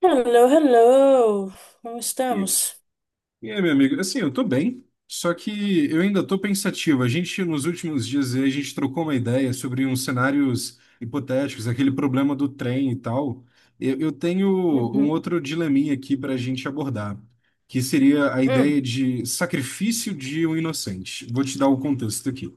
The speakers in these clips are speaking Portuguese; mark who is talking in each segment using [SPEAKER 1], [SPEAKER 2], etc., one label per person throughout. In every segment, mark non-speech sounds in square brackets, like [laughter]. [SPEAKER 1] Hello, hello. Como
[SPEAKER 2] E,
[SPEAKER 1] estamos?
[SPEAKER 2] e aí, meu amigo, assim, eu tô bem, só que eu ainda tô pensativo. A gente, nos últimos dias, a gente trocou uma ideia sobre uns cenários hipotéticos, aquele problema do trem e tal. Eu tenho um
[SPEAKER 1] Uhum.
[SPEAKER 2] outro dileminha aqui pra gente abordar, que seria a ideia
[SPEAKER 1] Hum,
[SPEAKER 2] de sacrifício de um inocente. Vou te dar o contexto aqui.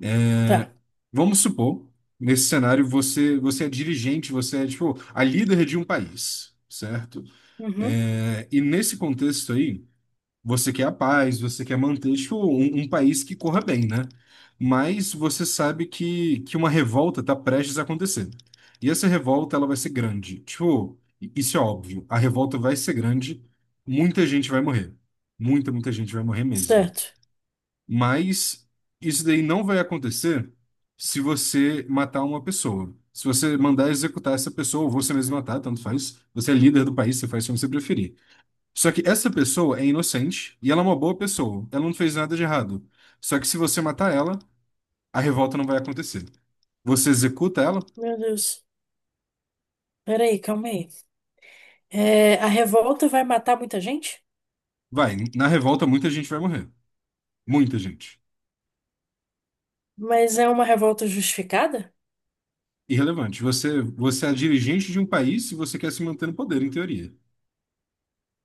[SPEAKER 2] É,
[SPEAKER 1] tá.
[SPEAKER 2] vamos supor, nesse cenário, você é dirigente, você é, tipo, a líder de um país, certo?
[SPEAKER 1] Uhum.
[SPEAKER 2] É, e nesse contexto aí. Você quer a paz, você quer manter tipo, um país que corra bem, né? Mas você sabe que uma revolta está prestes a acontecer. E essa revolta ela vai ser grande. Tipo, isso é óbvio. A revolta vai ser grande, muita gente vai morrer. Muita, muita gente vai morrer mesmo.
[SPEAKER 1] Certo.
[SPEAKER 2] Mas isso daí não vai acontecer se você matar uma pessoa. Se você mandar executar essa pessoa, ou você mesmo matar, tanto faz. Você é líder do país, você faz como você preferir. Só que essa pessoa é inocente e ela é uma boa pessoa. Ela não fez nada de errado. Só que se você matar ela, a revolta não vai acontecer. Você executa ela,
[SPEAKER 1] Meu Deus. Peraí, calma aí. É, a revolta vai matar muita gente?
[SPEAKER 2] vai. Na revolta, muita gente vai morrer. Muita gente.
[SPEAKER 1] Mas é uma revolta justificada?
[SPEAKER 2] Irrelevante. Você é dirigente de um país e você quer se manter no poder, em teoria.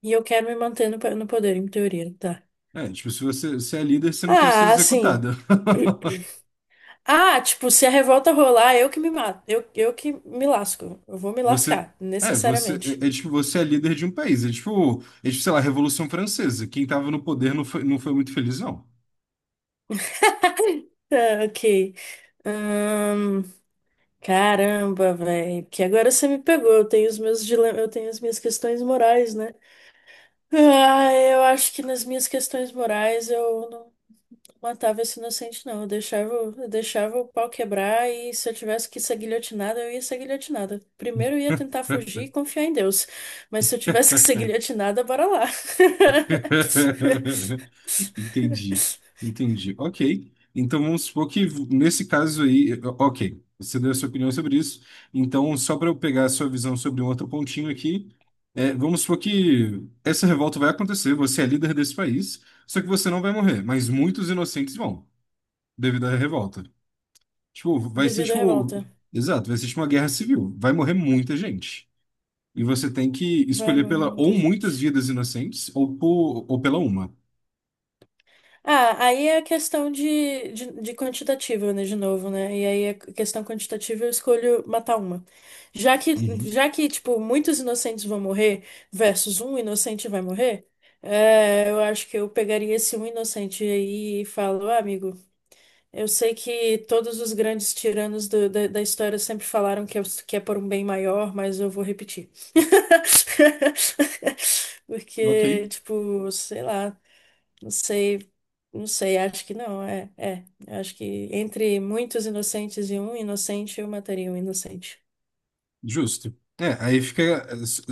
[SPEAKER 1] E eu quero me manter no, no poder, em teoria, tá?
[SPEAKER 2] É, tipo, se você, se é líder, você não quer ser
[SPEAKER 1] Ah, assim.
[SPEAKER 2] executada. [laughs]
[SPEAKER 1] [clears throat] Ah, tipo, se a revolta rolar, eu que me mato. Eu que me lasco. Eu vou me
[SPEAKER 2] Você.
[SPEAKER 1] lascar,
[SPEAKER 2] É, você
[SPEAKER 1] necessariamente.
[SPEAKER 2] é, é tipo, você é líder de um país. É tipo, sei lá, a Revolução Francesa. Quem tava no poder não foi muito feliz, não.
[SPEAKER 1] [laughs] Ah, ok. Caramba, velho, que agora você me pegou. Eu tenho os meus dilemas, eu tenho as minhas questões morais, né? Ah, eu acho que nas minhas questões morais eu não matava esse inocente, não. Eu deixava o pau quebrar e se eu tivesse que ser guilhotinada, eu ia ser guilhotinada. Primeiro eu ia tentar fugir e confiar em Deus. Mas se eu tivesse que ser guilhotinada, bora lá.
[SPEAKER 2] [laughs]
[SPEAKER 1] [laughs]
[SPEAKER 2] Entendi, entendi. Ok. Então vamos supor que nesse caso aí, ok, você deu a sua opinião sobre isso. Então, só para eu pegar a sua visão sobre um outro pontinho aqui, é, vamos supor que essa revolta vai acontecer, você é líder desse país, só que você não vai morrer, mas muitos inocentes vão, devido à revolta. Tipo, vai ser
[SPEAKER 1] Devido à
[SPEAKER 2] tipo.
[SPEAKER 1] revolta.
[SPEAKER 2] Exato, vai ser tipo uma guerra civil. Vai morrer muita gente. E você tem que
[SPEAKER 1] Vai
[SPEAKER 2] escolher
[SPEAKER 1] morrer
[SPEAKER 2] pela
[SPEAKER 1] muita
[SPEAKER 2] ou muitas
[SPEAKER 1] gente.
[SPEAKER 2] vidas inocentes ou, por, ou pela uma.
[SPEAKER 1] Ah, aí é a questão de quantitativa, né, de novo, né? E aí é a questão quantitativa eu escolho matar uma. Já que,
[SPEAKER 2] Uhum.
[SPEAKER 1] já que, tipo, muitos inocentes vão morrer versus um inocente vai morrer, é, eu acho que eu pegaria esse um inocente aí e falo, ah, amigo, eu sei que todos os grandes tiranos da história sempre falaram que é por um bem maior, mas eu vou repetir. [laughs]
[SPEAKER 2] Ok,
[SPEAKER 1] Porque, tipo, sei lá. Não sei, não sei, acho que não, é. Acho que entre muitos inocentes e um inocente, eu mataria um inocente
[SPEAKER 2] justo. É, aí fica.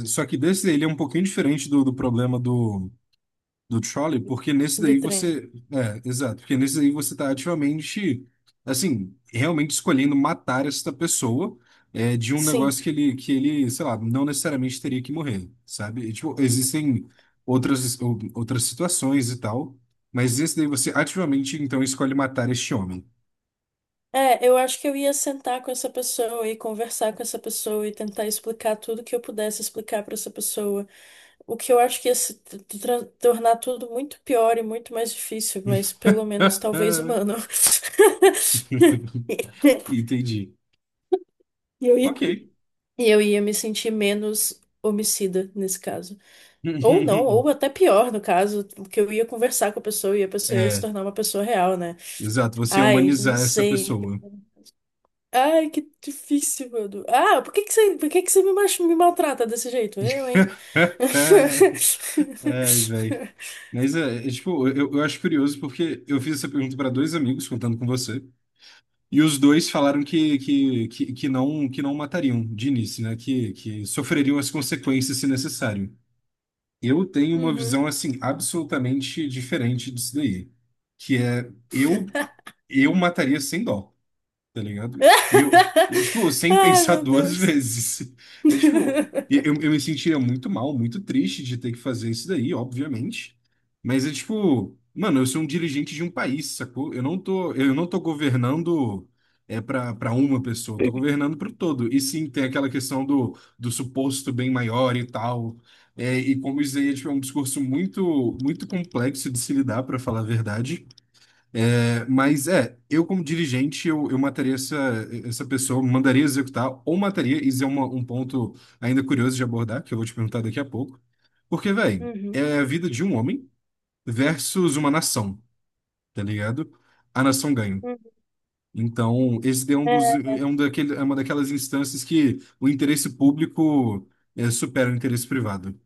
[SPEAKER 2] Só que desse ele é um pouquinho diferente do problema do. Do Trolley, porque nesse
[SPEAKER 1] do
[SPEAKER 2] daí
[SPEAKER 1] trem.
[SPEAKER 2] você. É, exato, porque nesse daí você tá ativamente, assim, realmente escolhendo matar esta pessoa é, de um
[SPEAKER 1] Sim.
[SPEAKER 2] negócio que ele, sei lá, não necessariamente teria que morrer, sabe? E, tipo, existem outras, ou- outras situações e tal, mas nesse daí você ativamente, então, escolhe matar este homem.
[SPEAKER 1] É, eu acho que eu ia sentar com essa pessoa e conversar com essa pessoa e tentar explicar tudo que eu pudesse explicar para essa pessoa. O que eu acho que ia se tornar tudo muito pior e muito mais difícil, mas pelo menos talvez humano.
[SPEAKER 2] [laughs]
[SPEAKER 1] [laughs]
[SPEAKER 2] Entendi.
[SPEAKER 1] E eu ia,
[SPEAKER 2] Ok.
[SPEAKER 1] e eu ia me sentir menos homicida nesse caso. Ou não,
[SPEAKER 2] [laughs]
[SPEAKER 1] ou até pior, no caso, que eu ia conversar com a pessoa e a pessoa ia se
[SPEAKER 2] É,
[SPEAKER 1] tornar uma pessoa real, né?
[SPEAKER 2] exato, você
[SPEAKER 1] Ai, não
[SPEAKER 2] humanizar essa
[SPEAKER 1] sei.
[SPEAKER 2] pessoa.
[SPEAKER 1] Ai, que difícil, mano. Ah, por que que você me, me maltrata desse jeito? Eu, hein?
[SPEAKER 2] [laughs]
[SPEAKER 1] [laughs]
[SPEAKER 2] Ai, velho. Mas é, é, tipo, eu acho curioso porque eu fiz essa pergunta para dois amigos contando com você, e os dois falaram que não matariam de início, né? Que sofreriam as consequências se necessário. Eu tenho uma
[SPEAKER 1] Uhum.
[SPEAKER 2] visão assim absolutamente diferente disso daí, que é eu mataria sem dó, tá ligado? E eu, e, tipo,
[SPEAKER 1] [laughs]
[SPEAKER 2] sem
[SPEAKER 1] Ai,
[SPEAKER 2] pensar
[SPEAKER 1] meu
[SPEAKER 2] duas [laughs]
[SPEAKER 1] Deus.
[SPEAKER 2] vezes. É tipo, e eu
[SPEAKER 1] [laughs]
[SPEAKER 2] me sentiria muito mal, muito triste de ter que fazer isso daí, obviamente. Mas é tipo, mano, eu sou um dirigente de um país, sacou? Eu não tô governando é para uma pessoa, eu tô governando para o todo. E sim, tem aquela questão do suposto bem maior e tal. É, e como isso aí é, tipo, é um discurso muito, muito complexo de se lidar, para falar a verdade. É, mas é, eu como dirigente, eu mataria essa, essa pessoa, mandaria executar ou mataria, isso é uma- um ponto ainda curioso de abordar, que eu vou te perguntar daqui a pouco. Porque, velho,
[SPEAKER 1] Uhum.
[SPEAKER 2] é a vida de um homem versus uma nação, tá ligado? A nação ganha.
[SPEAKER 1] Uhum.
[SPEAKER 2] Então, esse é um dos,
[SPEAKER 1] É,
[SPEAKER 2] é um daquele, é uma daquelas instâncias que o interesse público é, supera o interesse privado.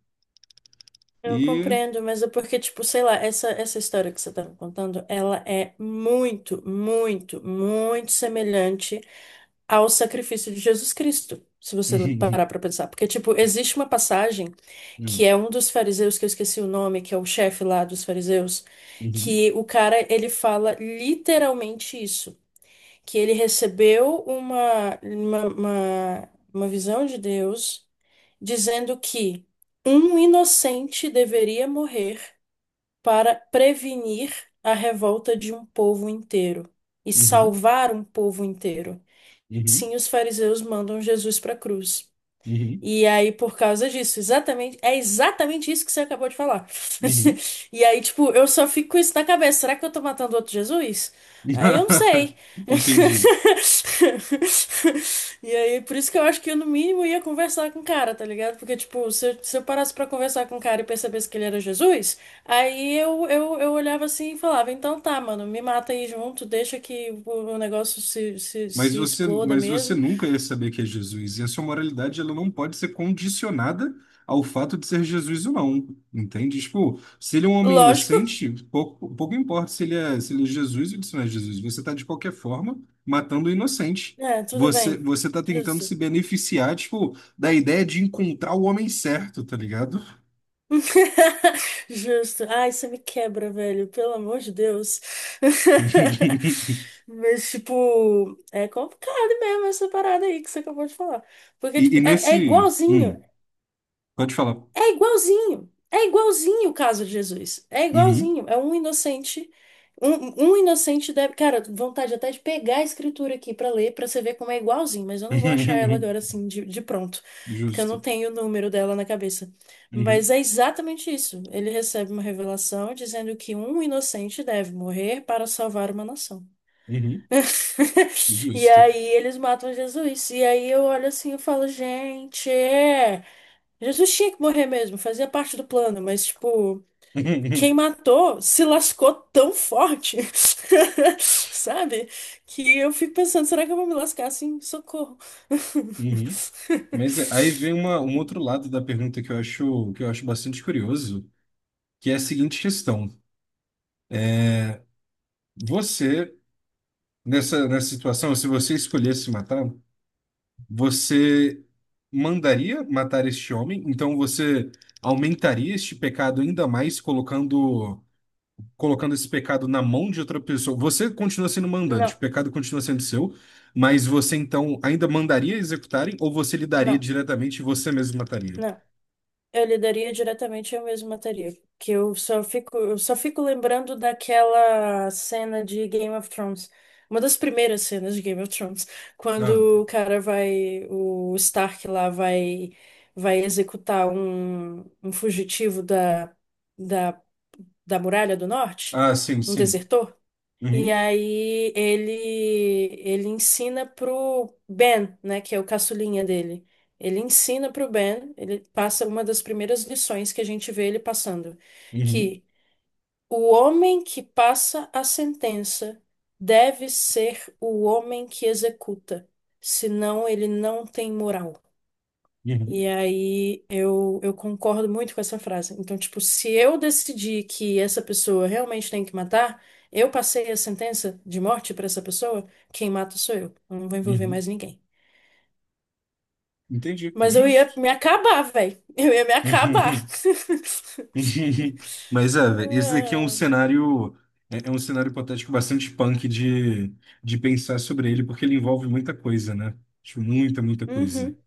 [SPEAKER 1] eu
[SPEAKER 2] E...
[SPEAKER 1] compreendo, mas é porque, tipo, sei lá, essa história que você tá me contando, ela é muito, muito, muito semelhante ao sacrifício de Jesus Cristo, se você
[SPEAKER 2] [laughs]
[SPEAKER 1] parar para pensar. Porque, tipo, existe uma passagem que
[SPEAKER 2] Uhum,
[SPEAKER 1] é um dos fariseus, que eu esqueci o nome, que é o chefe lá dos fariseus,
[SPEAKER 2] uhum,
[SPEAKER 1] que o cara, ele fala literalmente isso, que ele recebeu uma visão de Deus dizendo que um inocente deveria morrer para prevenir a revolta de um povo inteiro e
[SPEAKER 2] uhum,
[SPEAKER 1] salvar um povo inteiro.
[SPEAKER 2] uhum,
[SPEAKER 1] Sim, os fariseus mandam Jesus para a cruz.
[SPEAKER 2] uhum,
[SPEAKER 1] E aí, por causa disso, exatamente, é exatamente isso que você acabou de falar. [laughs]
[SPEAKER 2] uhum, uhum,
[SPEAKER 1] E aí, tipo, eu só fico com isso na cabeça. Será que eu tô matando outro Jesus? Aí eu não sei.
[SPEAKER 2] [laughs]
[SPEAKER 1] [laughs]
[SPEAKER 2] Entendi.
[SPEAKER 1] E aí, por isso que eu acho que eu, no mínimo, ia conversar com o cara, tá ligado? Porque, tipo, se eu parasse pra conversar com o cara e percebesse que ele era Jesus, eu olhava assim e falava: então tá, mano, me mata aí junto, deixa que o negócio
[SPEAKER 2] Mas
[SPEAKER 1] se
[SPEAKER 2] você,
[SPEAKER 1] exploda
[SPEAKER 2] mas você
[SPEAKER 1] mesmo.
[SPEAKER 2] nunca ia saber que é Jesus. E a sua moralidade, ela não pode ser condicionada ao fato de ser Jesus ou não. Entende? Tipo, se ele é um homem
[SPEAKER 1] Lógico.
[SPEAKER 2] inocente, pouco, pouco importa se ele é, se ele é Jesus ou se não é Jesus. Você está, de qualquer forma, matando o inocente.
[SPEAKER 1] É, tudo
[SPEAKER 2] Você,
[SPEAKER 1] bem.
[SPEAKER 2] você tá tentando
[SPEAKER 1] Justo.
[SPEAKER 2] se beneficiar, tipo, da ideia de encontrar o homem certo, tá ligado?
[SPEAKER 1] [laughs] Justo. Ai, você me quebra, velho. Pelo amor de Deus. [laughs]
[SPEAKER 2] [laughs]
[SPEAKER 1] Mas, tipo, é complicado mesmo essa parada aí que você acabou de falar. Porque,
[SPEAKER 2] E,
[SPEAKER 1] tipo,
[SPEAKER 2] e
[SPEAKER 1] é
[SPEAKER 2] nesse...
[SPEAKER 1] igualzinho.
[SPEAKER 2] pode falar.
[SPEAKER 1] É igualzinho. É igualzinho o caso de Jesus. É
[SPEAKER 2] Uhum.
[SPEAKER 1] igualzinho. É um inocente. Um inocente deve. Cara, vontade até de pegar a escritura aqui pra ler, pra você ver como é igualzinho, mas eu não vou achar ela agora
[SPEAKER 2] [laughs]
[SPEAKER 1] assim de pronto, porque eu não
[SPEAKER 2] Justo.
[SPEAKER 1] tenho o número dela na cabeça. Mas
[SPEAKER 2] Uhum,
[SPEAKER 1] é exatamente isso. Ele recebe uma revelação dizendo que um inocente deve morrer para salvar uma nação.
[SPEAKER 2] uhum,
[SPEAKER 1] E
[SPEAKER 2] justo.
[SPEAKER 1] aí eles matam Jesus. E aí eu olho assim e falo, gente. É, Jesus tinha que morrer mesmo, fazia parte do plano, mas, tipo, quem
[SPEAKER 2] [laughs]
[SPEAKER 1] matou se lascou tão forte, [laughs] sabe? Que eu fico pensando, será que eu vou me lascar assim? Socorro. [laughs]
[SPEAKER 2] Uhum, uhum. Mas é- aí vem uma, um outro lado da pergunta que eu acho bastante curioso, que é a seguinte questão. Você, nessa, nessa situação, se você escolhesse matar, você mandaria matar este homem? Então você aumentaria este pecado ainda mais, colocando esse pecado na mão de outra pessoa. Você continua sendo mandante, o
[SPEAKER 1] Não,
[SPEAKER 2] pecado continua sendo seu, mas você então ainda mandaria executarem ou você lidaria
[SPEAKER 1] não,
[SPEAKER 2] diretamente e você mesmo mataria?
[SPEAKER 1] não. Eu lidaria diretamente, eu mesma mataria. Que eu só fico lembrando daquela cena de Game of Thrones. Uma das primeiras cenas de Game of Thrones,
[SPEAKER 2] Ah,
[SPEAKER 1] quando o cara vai, o Stark lá vai, vai executar um fugitivo da, da Muralha do Norte,
[SPEAKER 2] ah, sim,
[SPEAKER 1] um
[SPEAKER 2] sim.
[SPEAKER 1] desertor. E
[SPEAKER 2] Uhum,
[SPEAKER 1] aí ele ensina pro Ben, né, que é o caçulinha dele. Ele ensina pro Ben, ele passa uma das primeiras lições que a gente vê ele passando,
[SPEAKER 2] uhum,
[SPEAKER 1] que o homem que passa a sentença deve ser o homem que executa, senão ele não tem moral. E
[SPEAKER 2] uhum,
[SPEAKER 1] aí eu concordo muito com essa frase. Então, tipo, se eu decidir que essa pessoa realmente tem que matar, eu passei a sentença de morte pra essa pessoa, quem mata sou eu. Eu não vou envolver
[SPEAKER 2] uhum.
[SPEAKER 1] mais ninguém.
[SPEAKER 2] Entendi,
[SPEAKER 1] Mas eu ia
[SPEAKER 2] justo.
[SPEAKER 1] me acabar, velho. Eu ia me acabar.
[SPEAKER 2] [laughs] Uhum, uhum.
[SPEAKER 1] [laughs]
[SPEAKER 2] Mas é, velho, esse daqui é um
[SPEAKER 1] Ah,
[SPEAKER 2] cenário. É um cenário hipotético bastante punk de pensar sobre ele, porque ele envolve muita coisa, né? Tipo, muita, muita coisa.
[SPEAKER 1] uhum.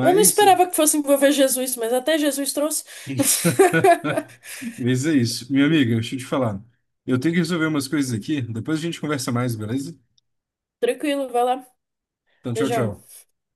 [SPEAKER 1] Eu não esperava que fosse envolver Jesus, mas até Jesus trouxe.
[SPEAKER 2] [laughs] mas é isso. Minha amiga, deixa eu te falar. Eu tenho que resolver umas coisas
[SPEAKER 1] [laughs]
[SPEAKER 2] aqui. Depois a gente conversa mais, beleza?
[SPEAKER 1] Tranquilo, vai lá.
[SPEAKER 2] Então, tchau,
[SPEAKER 1] Beijão.
[SPEAKER 2] tchau.